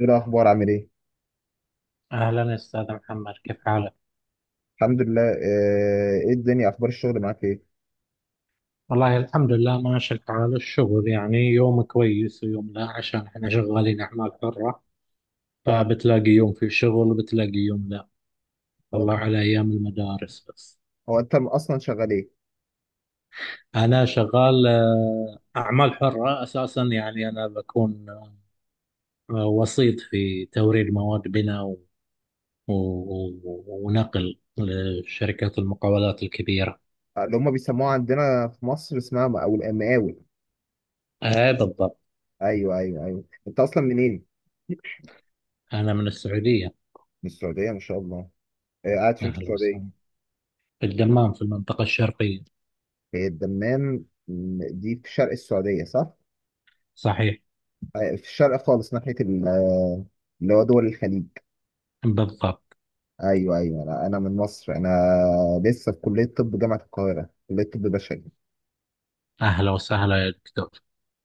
ايه الاخبار عامل ايه؟ أهلا أستاذ محمد، كيف حالك؟ الحمد لله، ايه الدنيا، اخبار الشغل معاك ايه؟ والله الحمد لله ماشي الحال. الشغل يعني يوم كويس ويوم لا، عشان احنا شغالين أعمال حرة، اه. فبتلاقي يوم في شغل وبتلاقي يوم لا. هو الله على أيام المدارس بس. هو انت اصلا شغال ايه؟ أنا شغال أعمال حرة أساسا. يعني أنا بكون وسيط في توريد مواد بناء ونقل لشركات المقاولات الكبيرة. اللي هم بيسموها عندنا في مصر اسمها مقاول مقاول. أي بالضبط. ايوه، ايوه، ايوه، انت اصلا منين؟ أنا من السعودية. من السعوديه، ما شاء الله. قاعد فين في أهلا السعوديه؟ وسهلا. في الدمام، في المنطقة الشرقية. هي الدمام، دي في شرق السعوديه صح؟ صحيح. في الشرق خالص ناحيه اللي هو دول الخليج. بالضبط. ايوه، ايوه، لا انا من مصر انا، لسه في كليه طب جامعه القاهره، كليه طب بشري. أهلا وسهلا يا دكتور.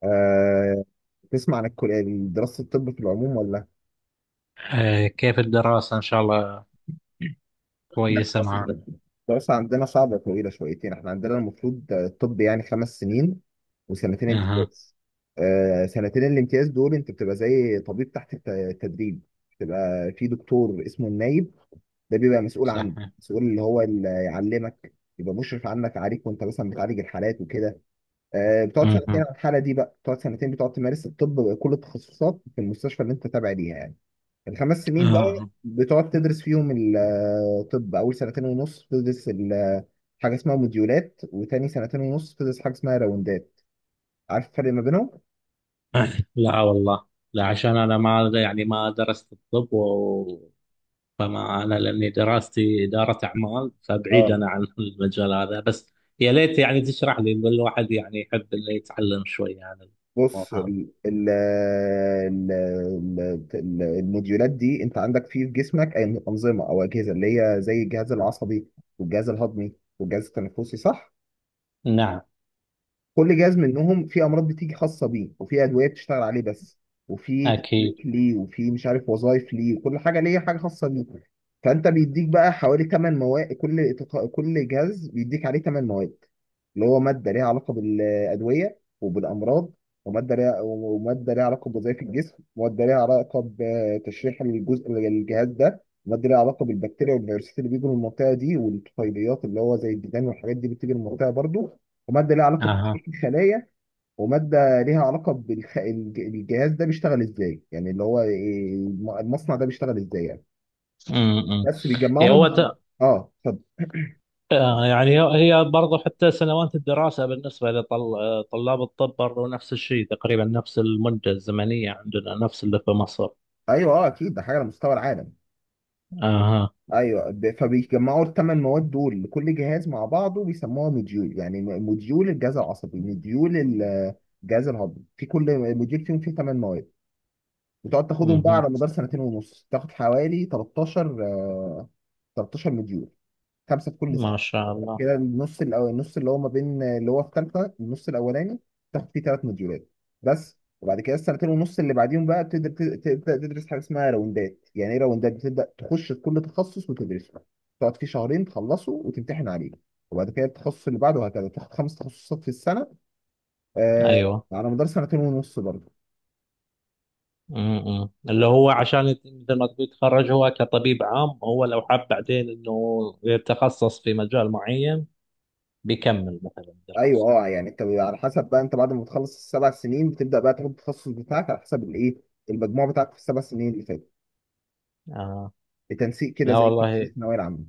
آه، تسمع عن الكلية دراسة الطب في العموم ولا؟ آه، كيف الدراسة؟ إن شاء الله كويسة معك. لا، الدراسة عندنا صعبة وطويلة شويتين، احنا عندنا المفروض الطب يعني 5 سنين وسنتين أها. امتياز. سنتين الامتياز دول انت بتبقى زي طبيب تحت التدريب، بتبقى في دكتور اسمه النايب، ده بيبقى مسؤول عنه، صحيح. مسؤول اللي هو اللي يعلمك، يبقى مشرف عنك عليك وانت مثلا بتعالج الحالات وكده. بتقعد سنتين أها. على الحالة دي بقى، بتقعد سنتين بتقعد تمارس الطب بكل التخصصات في المستشفى اللي انت تابع ليها يعني. الخمس سنين بقى آه. بتقعد تدرس فيهم الطب، اول سنتين ونص بتدرس حاجه اسمها موديولات، وتاني سنتين ونص بتدرس حاجه اسمها راوندات. عارف الفرق ما بينهم؟ لا والله. لا، عشان أنا ما يعني ما درست الطب و... فما أنا، لأني دراستي إدارة أعمال، فبعيد اه. أنا عن المجال هذا. بس يا ليت يعني تشرح لي. الواحد يعني يحب إنه يتعلم شوي عن الموضوع بص، هذا. الموديولات دي، انت عندك فيه في جسمك أي انظمه او اجهزه اللي هي زي الجهاز العصبي والجهاز الهضمي والجهاز التنفسي صح؟ نعم. كل جهاز منهم في امراض بتيجي خاصه بيه، وفي ادويه بتشتغل عليه بس، وفي تكليك أكيد. ليه، وفي مش عارف وظائف ليه، وكل حاجه ليه حاجه خاصه بيه. فانت بيديك بقى حوالي 8 مواد، كل جهاز بيديك عليه 8 مواد، اللي هو ماده ليها علاقه بالادويه وبالامراض، وماده ليها علاقه بوظائف الجسم، وماده ليها علاقه بتشريح الجزء الجهاز ده، وماده ليها علاقه بالبكتيريا والفيروسات اللي بيجوا من المنطقه دي، والطفيليات اللي هو زي الديدان والحاجات دي بتيجي من المنطقه برضو، وماده ليها علاقه أها. بتحقيق الخلايا، وماده ليها علاقه بالجهاز ده بيشتغل ازاي، يعني اللي هو المصنع ده بيشتغل ازاي يعني، أمم. أمم. بس إيه، بيجمعهم. اه اتفضل. آه، يعني هي برضو حتى سنوات الدراسة بالنسبة لطلاب الطب برضو نفس الشيء تقريبا، نفس المدة الزمنية عندنا نفس اللي في مصر. ايوه، اه اكيد ده حاجه على مستوى العالم. اها. ايوه، فبيجمعوا ال 8 مواد دول لكل جهاز مع بعضه بيسموها موديول، يعني موديول الجهاز العصبي، موديول الجهاز الهضمي، في كل موديول فيهم فيه 8 مواد. بتقعد تاخدهم بقى مهم. على مدار سنتين ونص، تاخد حوالي 13، 13 موديول، خمسه في كل سنه. ما شاء فبعد الله. كده النص الاول، النص اللي هو ما بين اللي هو في ثالثه، النص الاولاني تاخد فيه 3 مديولات بس. وبعد كده السنتين ونص اللي بعديهم بقى بتقدر تبدا تدرس حاجه اسمها راوندات. يعني ايه راوندات؟ بتبدا تخش في كل تخصص وتدرسه، تقعد فيه شهرين، تخلصه وتمتحن عليه، وبعد كده التخصص اللي بعده، وهكذا تاخد 5 تخصصات في السنه. آه. ايوه. على مدار سنتين ونص برضه. مم. اللي هو عشان مثل ما تقول يتخرج هو كطبيب عام، هو لو حاب بعدين انه يتخصص في مجال معين بيكمل مثلا الدراسة. ايوه، اه، يعني انت على حسب بقى، انت بعد ما تخلص السبع سنين بتبدا بقى تاخد التخصص بتاعك على حسب الايه، المجموع بتاعك في السبع سنين اللي فاتت، آه. بتنسيق كده، لا زي كده في والله. الثانويه العامه.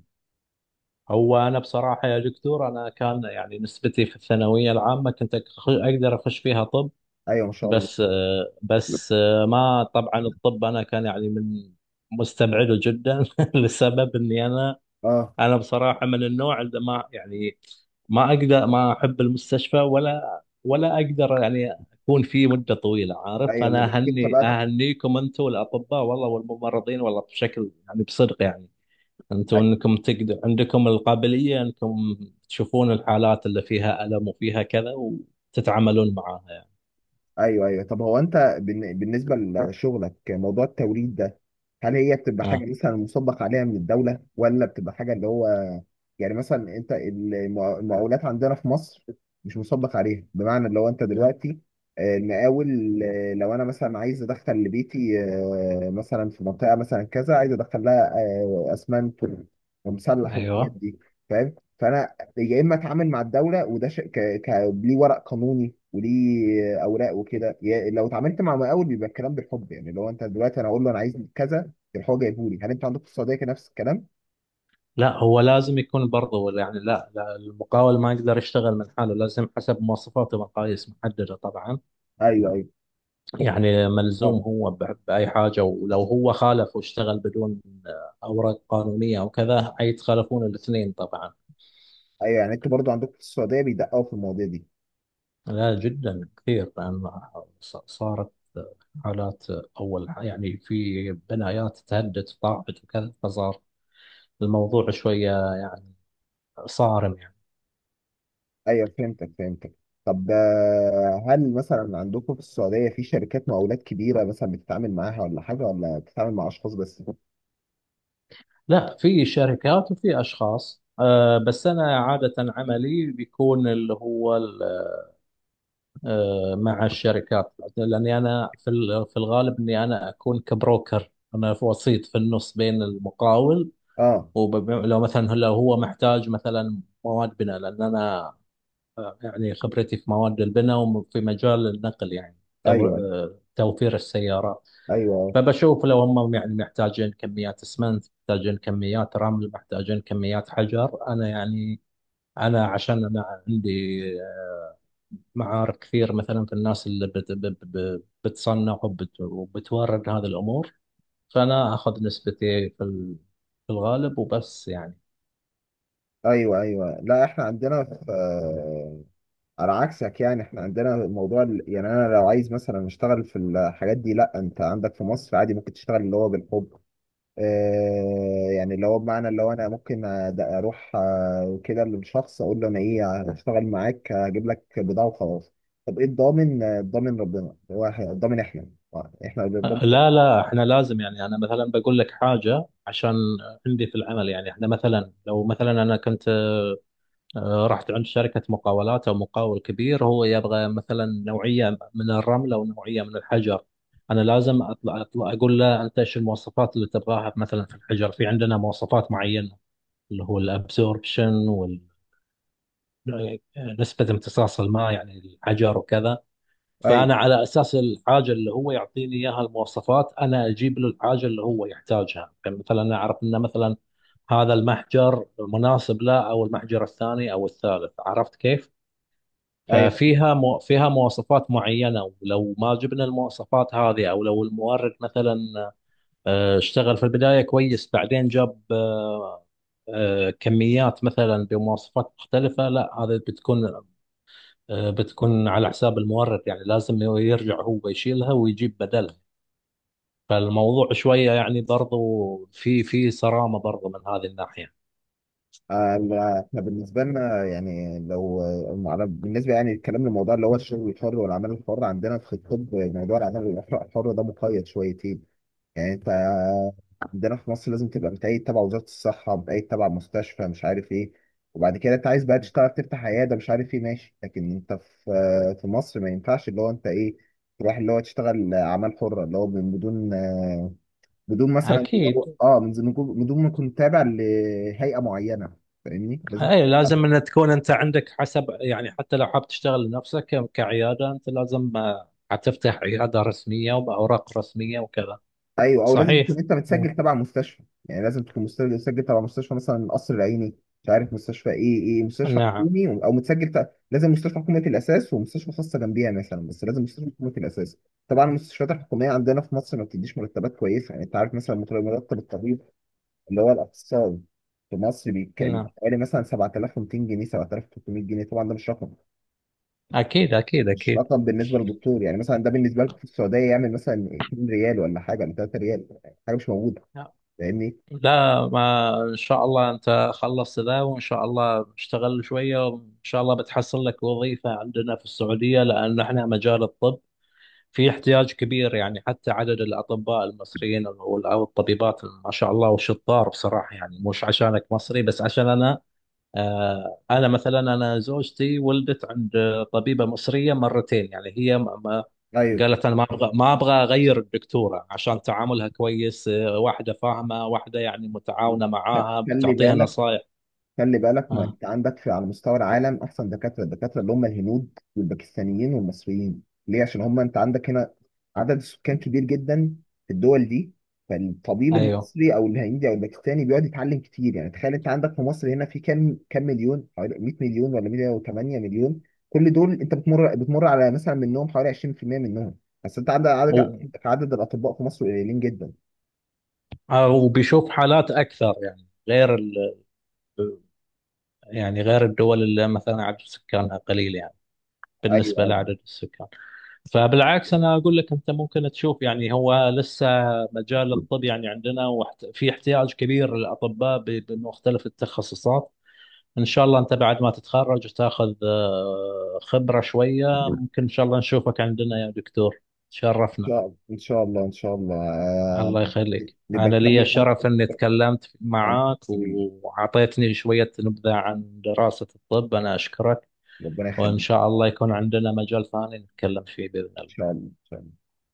هو انا بصراحة يا دكتور انا كان يعني نسبتي في الثانوية العامة كنت اقدر اخش فيها طب. ايوه ما شاء الله. بس ما طبعا الطب انا كان يعني من مستبعده جدا لسبب اني انا. اه. انا بصراحه من النوع اللي ما يعني ما اقدر، ما احب المستشفى، ولا ولا اقدر يعني اكون فيه مده طويله، عارف. ايوه اللي فانا بالك انت بقى. اهنيكم انتم الاطباء والله والممرضين والله بشكل يعني بصدق يعني. انتم انكم تقدر عندكم القابليه انكم تشوفون الحالات اللي فيها الم وفيها كذا وتتعاملون معاها يعني. ايوه، ايوه، طب هو انت بالنسبه لشغلك، موضوع التوريد ده هل هي بتبقى اه. حاجه مثلا مصدق عليها من الدوله، ولا بتبقى حاجه اللي هو، يعني مثلا انت المقاولات عندنا في مصر مش مصدق عليها، بمعنى اللي هو انت دلوقتي، المقاول، لو انا مثلا عايز ادخل لبيتي، مثلا في منطقه مثلا كذا عايز ادخل لها اسمنت ومسلح والحاجات ايوه. دي، فاهم؟ فانا يا اما اتعامل مع الدوله وده شيء ك... ليه ورق قانوني وليه اوراق وكده. يعني لو اتعاملت مع مقاول بيبقى الكلام بالحب يعني، لو انت دلوقتي انا اقول له انا عايز كذا يروح هو جايبه لي. هل انتوا عندكم في السعوديه كان نفس الكلام؟ لا، هو لازم يكون برضه يعني. لا، المقاول ما يقدر يشتغل من حاله، لازم حسب مواصفات ومقاييس محددة طبعا. ايوه، ايوه، طب. يعني اه، ملزوم هو بأي حاجة، ولو هو خالف واشتغل بدون أوراق قانونية أو كذا يتخالفون الاثنين طبعا. ايوه، يعني انتوا برضو عندكم في السعوديه بيدققوا في المواضيع دي. لا، جدا كثير. لأن صارت حالات. يعني في بنايات تهدد طاحت وكذا، فصار الموضوع شوية يعني صارم يعني. ايوه، فهمتك، فهمتك. طب هل مثلا عندكم في السعوديه في شركات مقاولات كبيره مثلا بتتعامل معاها ولا حاجه، ولا بتتعامل مع اشخاص بس؟ لا، في شركات وفي اشخاص، أه. بس انا عاده عملي بيكون اللي هو أه مع الشركات، لاني انا في في الغالب اني انا اكون كبروكر، انا في وسيط في النص بين المقاول. اه، ولو مثلا لو هو محتاج مثلا مواد بناء، لان انا آه، يعني خبرتي في مواد البناء وفي مجال النقل، يعني ايوه، توفير السيارات. ايوه، فبشوف لو هم يعني محتاجين كميات اسمنت، محتاجين كميات رمل، محتاجين كميات حجر، انا يعني انا عشان انا عندي معارف كثير مثلا في الناس اللي بتصنع وبتورد هذه الامور. فانا اخذ نسبتي في في الغالب وبس يعني. ايوه، ايوه. لا احنا عندنا في على عكسك، يعني احنا عندنا الموضوع يعني انا لو عايز مثلا اشتغل في الحاجات دي، لا انت عندك في مصر عادي ممكن تشتغل اللي هو بالحب، آه يعني اللي هو بمعنى اللي هو انا ممكن اروح، كده للشخص اقول له انا ايه، هشتغل معاك هجيب لك بضاعه وخلاص. طب ايه الضامن؟ الضامن ربنا. هو الضامن احنا، احنا اللي بنضمن لا، احنا لازم يعني. انا مثلا بقول لك حاجه، عشان عندي في العمل يعني احنا مثلا لو مثلا انا كنت آه، رحت عند شركة مقاولات أو مقاول كبير، هو يبغى مثلا نوعية من الرمل أو نوعية من الحجر. أنا لازم أطلع أقول له أنت إيش المواصفات اللي تبغاها. مثلا في الحجر في عندنا مواصفات معينة، اللي هو الأبسوربشن وال نسبة امتصاص الماء يعني الحجر وكذا. ايوه، فأنا على أساس الحاجة اللي هو يعطيني إياها المواصفات أنا أجيب له الحاجة اللي هو يحتاجها. يعني مثلا أنا أعرف أنه مثلا هذا المحجر مناسب له أو المحجر الثاني أو الثالث، عرفت كيف؟ ايوه. ففيها فيها مواصفات معينة، ولو ما جبنا المواصفات هذه، أو لو المورد مثلا اشتغل في البداية كويس بعدين جاب كميات مثلا بمواصفات مختلفة، لا هذا بتكون بتكون على حساب المورد، يعني لازم يرجع هو يشيلها ويجيب بدلها. فالموضوع شوية يعني برضو في في صرامة برضو من هذه الناحية. لا، احنا بالنسبه لنا يعني لو بالنسبه يعني الكلام للموضوع اللي هو الشغل الحر والعمل الحر، عندنا في الطب موضوع العمل الحر الحر ده مقيد شويتين. يعني انت عندنا في مصر لازم تبقى متأيد تبع وزاره الصحه، متأيد تبع مستشفى مش عارف ايه، وبعد كده انت عايز بقى تشتغل تفتح عياده مش عارف ايه، ماشي. لكن انت في مصر ما ينفعش، اللي هو انت ايه، تروح اللي هو تشتغل اعمال حره اللي هو من بدون، أكيد. بدون ما تكون تابع لهيئه معينه، فاهمني؟ لازم. اي، لازم ان تكون انت عندك حسب يعني. حتى لو حاب تشتغل لنفسك كعياده، انت لازم حتفتح عياده رسميه وباوراق رسميه وكذا. ايوه، او لازم صحيح. تكون انت مم. متسجل تبع مستشفى، يعني لازم تكون متسجل تبع مستشفى مثلا القصر العيني، مش عارف مستشفى ايه، ايه مستشفى نعم. حكومي او لازم مستشفى حكومه الاساس، ومستشفى خاصه جنبيها مثلا، بس لازم مستشفى حكومه الاساس. طبعا المستشفيات الحكوميه عندنا في مصر ما بتديش مرتبات كويسه. يعني انت عارف مثلا مرتب الطبيب اللي هو الاخصائي في مصر بيبقى نعم. حوالي مثلا 7200 جنيه، 7300 جنيه، طبعا ده مش رقم، اكيد اكيد مش اكيد. رقم بالنسبه للدكتور. يعني مثلا ده بالنسبه لكم في السعوديه يعمل مثلا 2 ريال ولا حاجه، ولا 3 ريال، حاجه مش موجوده، فاهمني؟ لا، ما ان شاء الله انت خلصت ذا وان شاء الله اشتغل شويه وان شاء الله بتحصل لك وظيفه عندنا في السعوديه، لان احنا مجال الطب في احتياج كبير. يعني حتى عدد الأطباء المصريين أو أو الطبيبات ما شاء الله والشطار بصراحة. يعني مش عشانك مصري، بس عشان أنا آه، أنا مثلا أنا زوجتي ولدت عند طبيبة مصرية مرتين، يعني هي طيب. قالت أنا ما أبغى، ما أبغى أغير الدكتورة، عشان تعاملها كويس، واحدة فاهمة، واحدة يعني متعاونة معاها، خلي بتعطيها بالك، نصايح. خلي بالك، ما آه. انت عندك في على مستوى العالم احسن دكاتره الدكاتره اللي هم الهنود والباكستانيين والمصريين، ليه؟ عشان هم انت عندك هنا عدد السكان كبير جدا في الدول دي، فالطبيب أيوه. المصري او الهندي او الباكستاني بيقعد يتعلم كتير، يعني تخيل، انت عندك في مصر هنا في كام مليون؟ حوالي 100 مليون ولا 108 مليون، كل دول انت بتمر على مثلا منهم حوالي 20% منهم بس. انت عندك عدد و- عدد الاطباء في مصر قليلين جدا. آه، وبيشوف حالات أكثر يعني، غير يعني غير الدول اللي مثلا عدد سكانها قليل يعني بالنسبة ايوه، لعدد السكان. فبالعكس أنا أقول لك أنت ممكن تشوف يعني، هو لسه مجال ايوه. الطب يعني عندنا في احتياج كبير للأطباء بمختلف التخصصات. إن شاء الله أنت بعد ما تتخرج وتاخذ خبرة شوية ممكن إن شاء الله نشوفك عندنا يا دكتور. تشرفنا. شاء الله، ان شاء الله، ان شاء الله، الله يخليك، نبقى أنا لي نكمل بقى شرف حديث أني تكلمت عن- معك وأعطيتني شوية نبذة عن دراسة الطب. أنا أشكرك، ربنا يخليك، وإن ان شاء الله يكون عندنا مجال ثاني نتكلم فيه بإذن الله. شاء الله، إن شاء الله.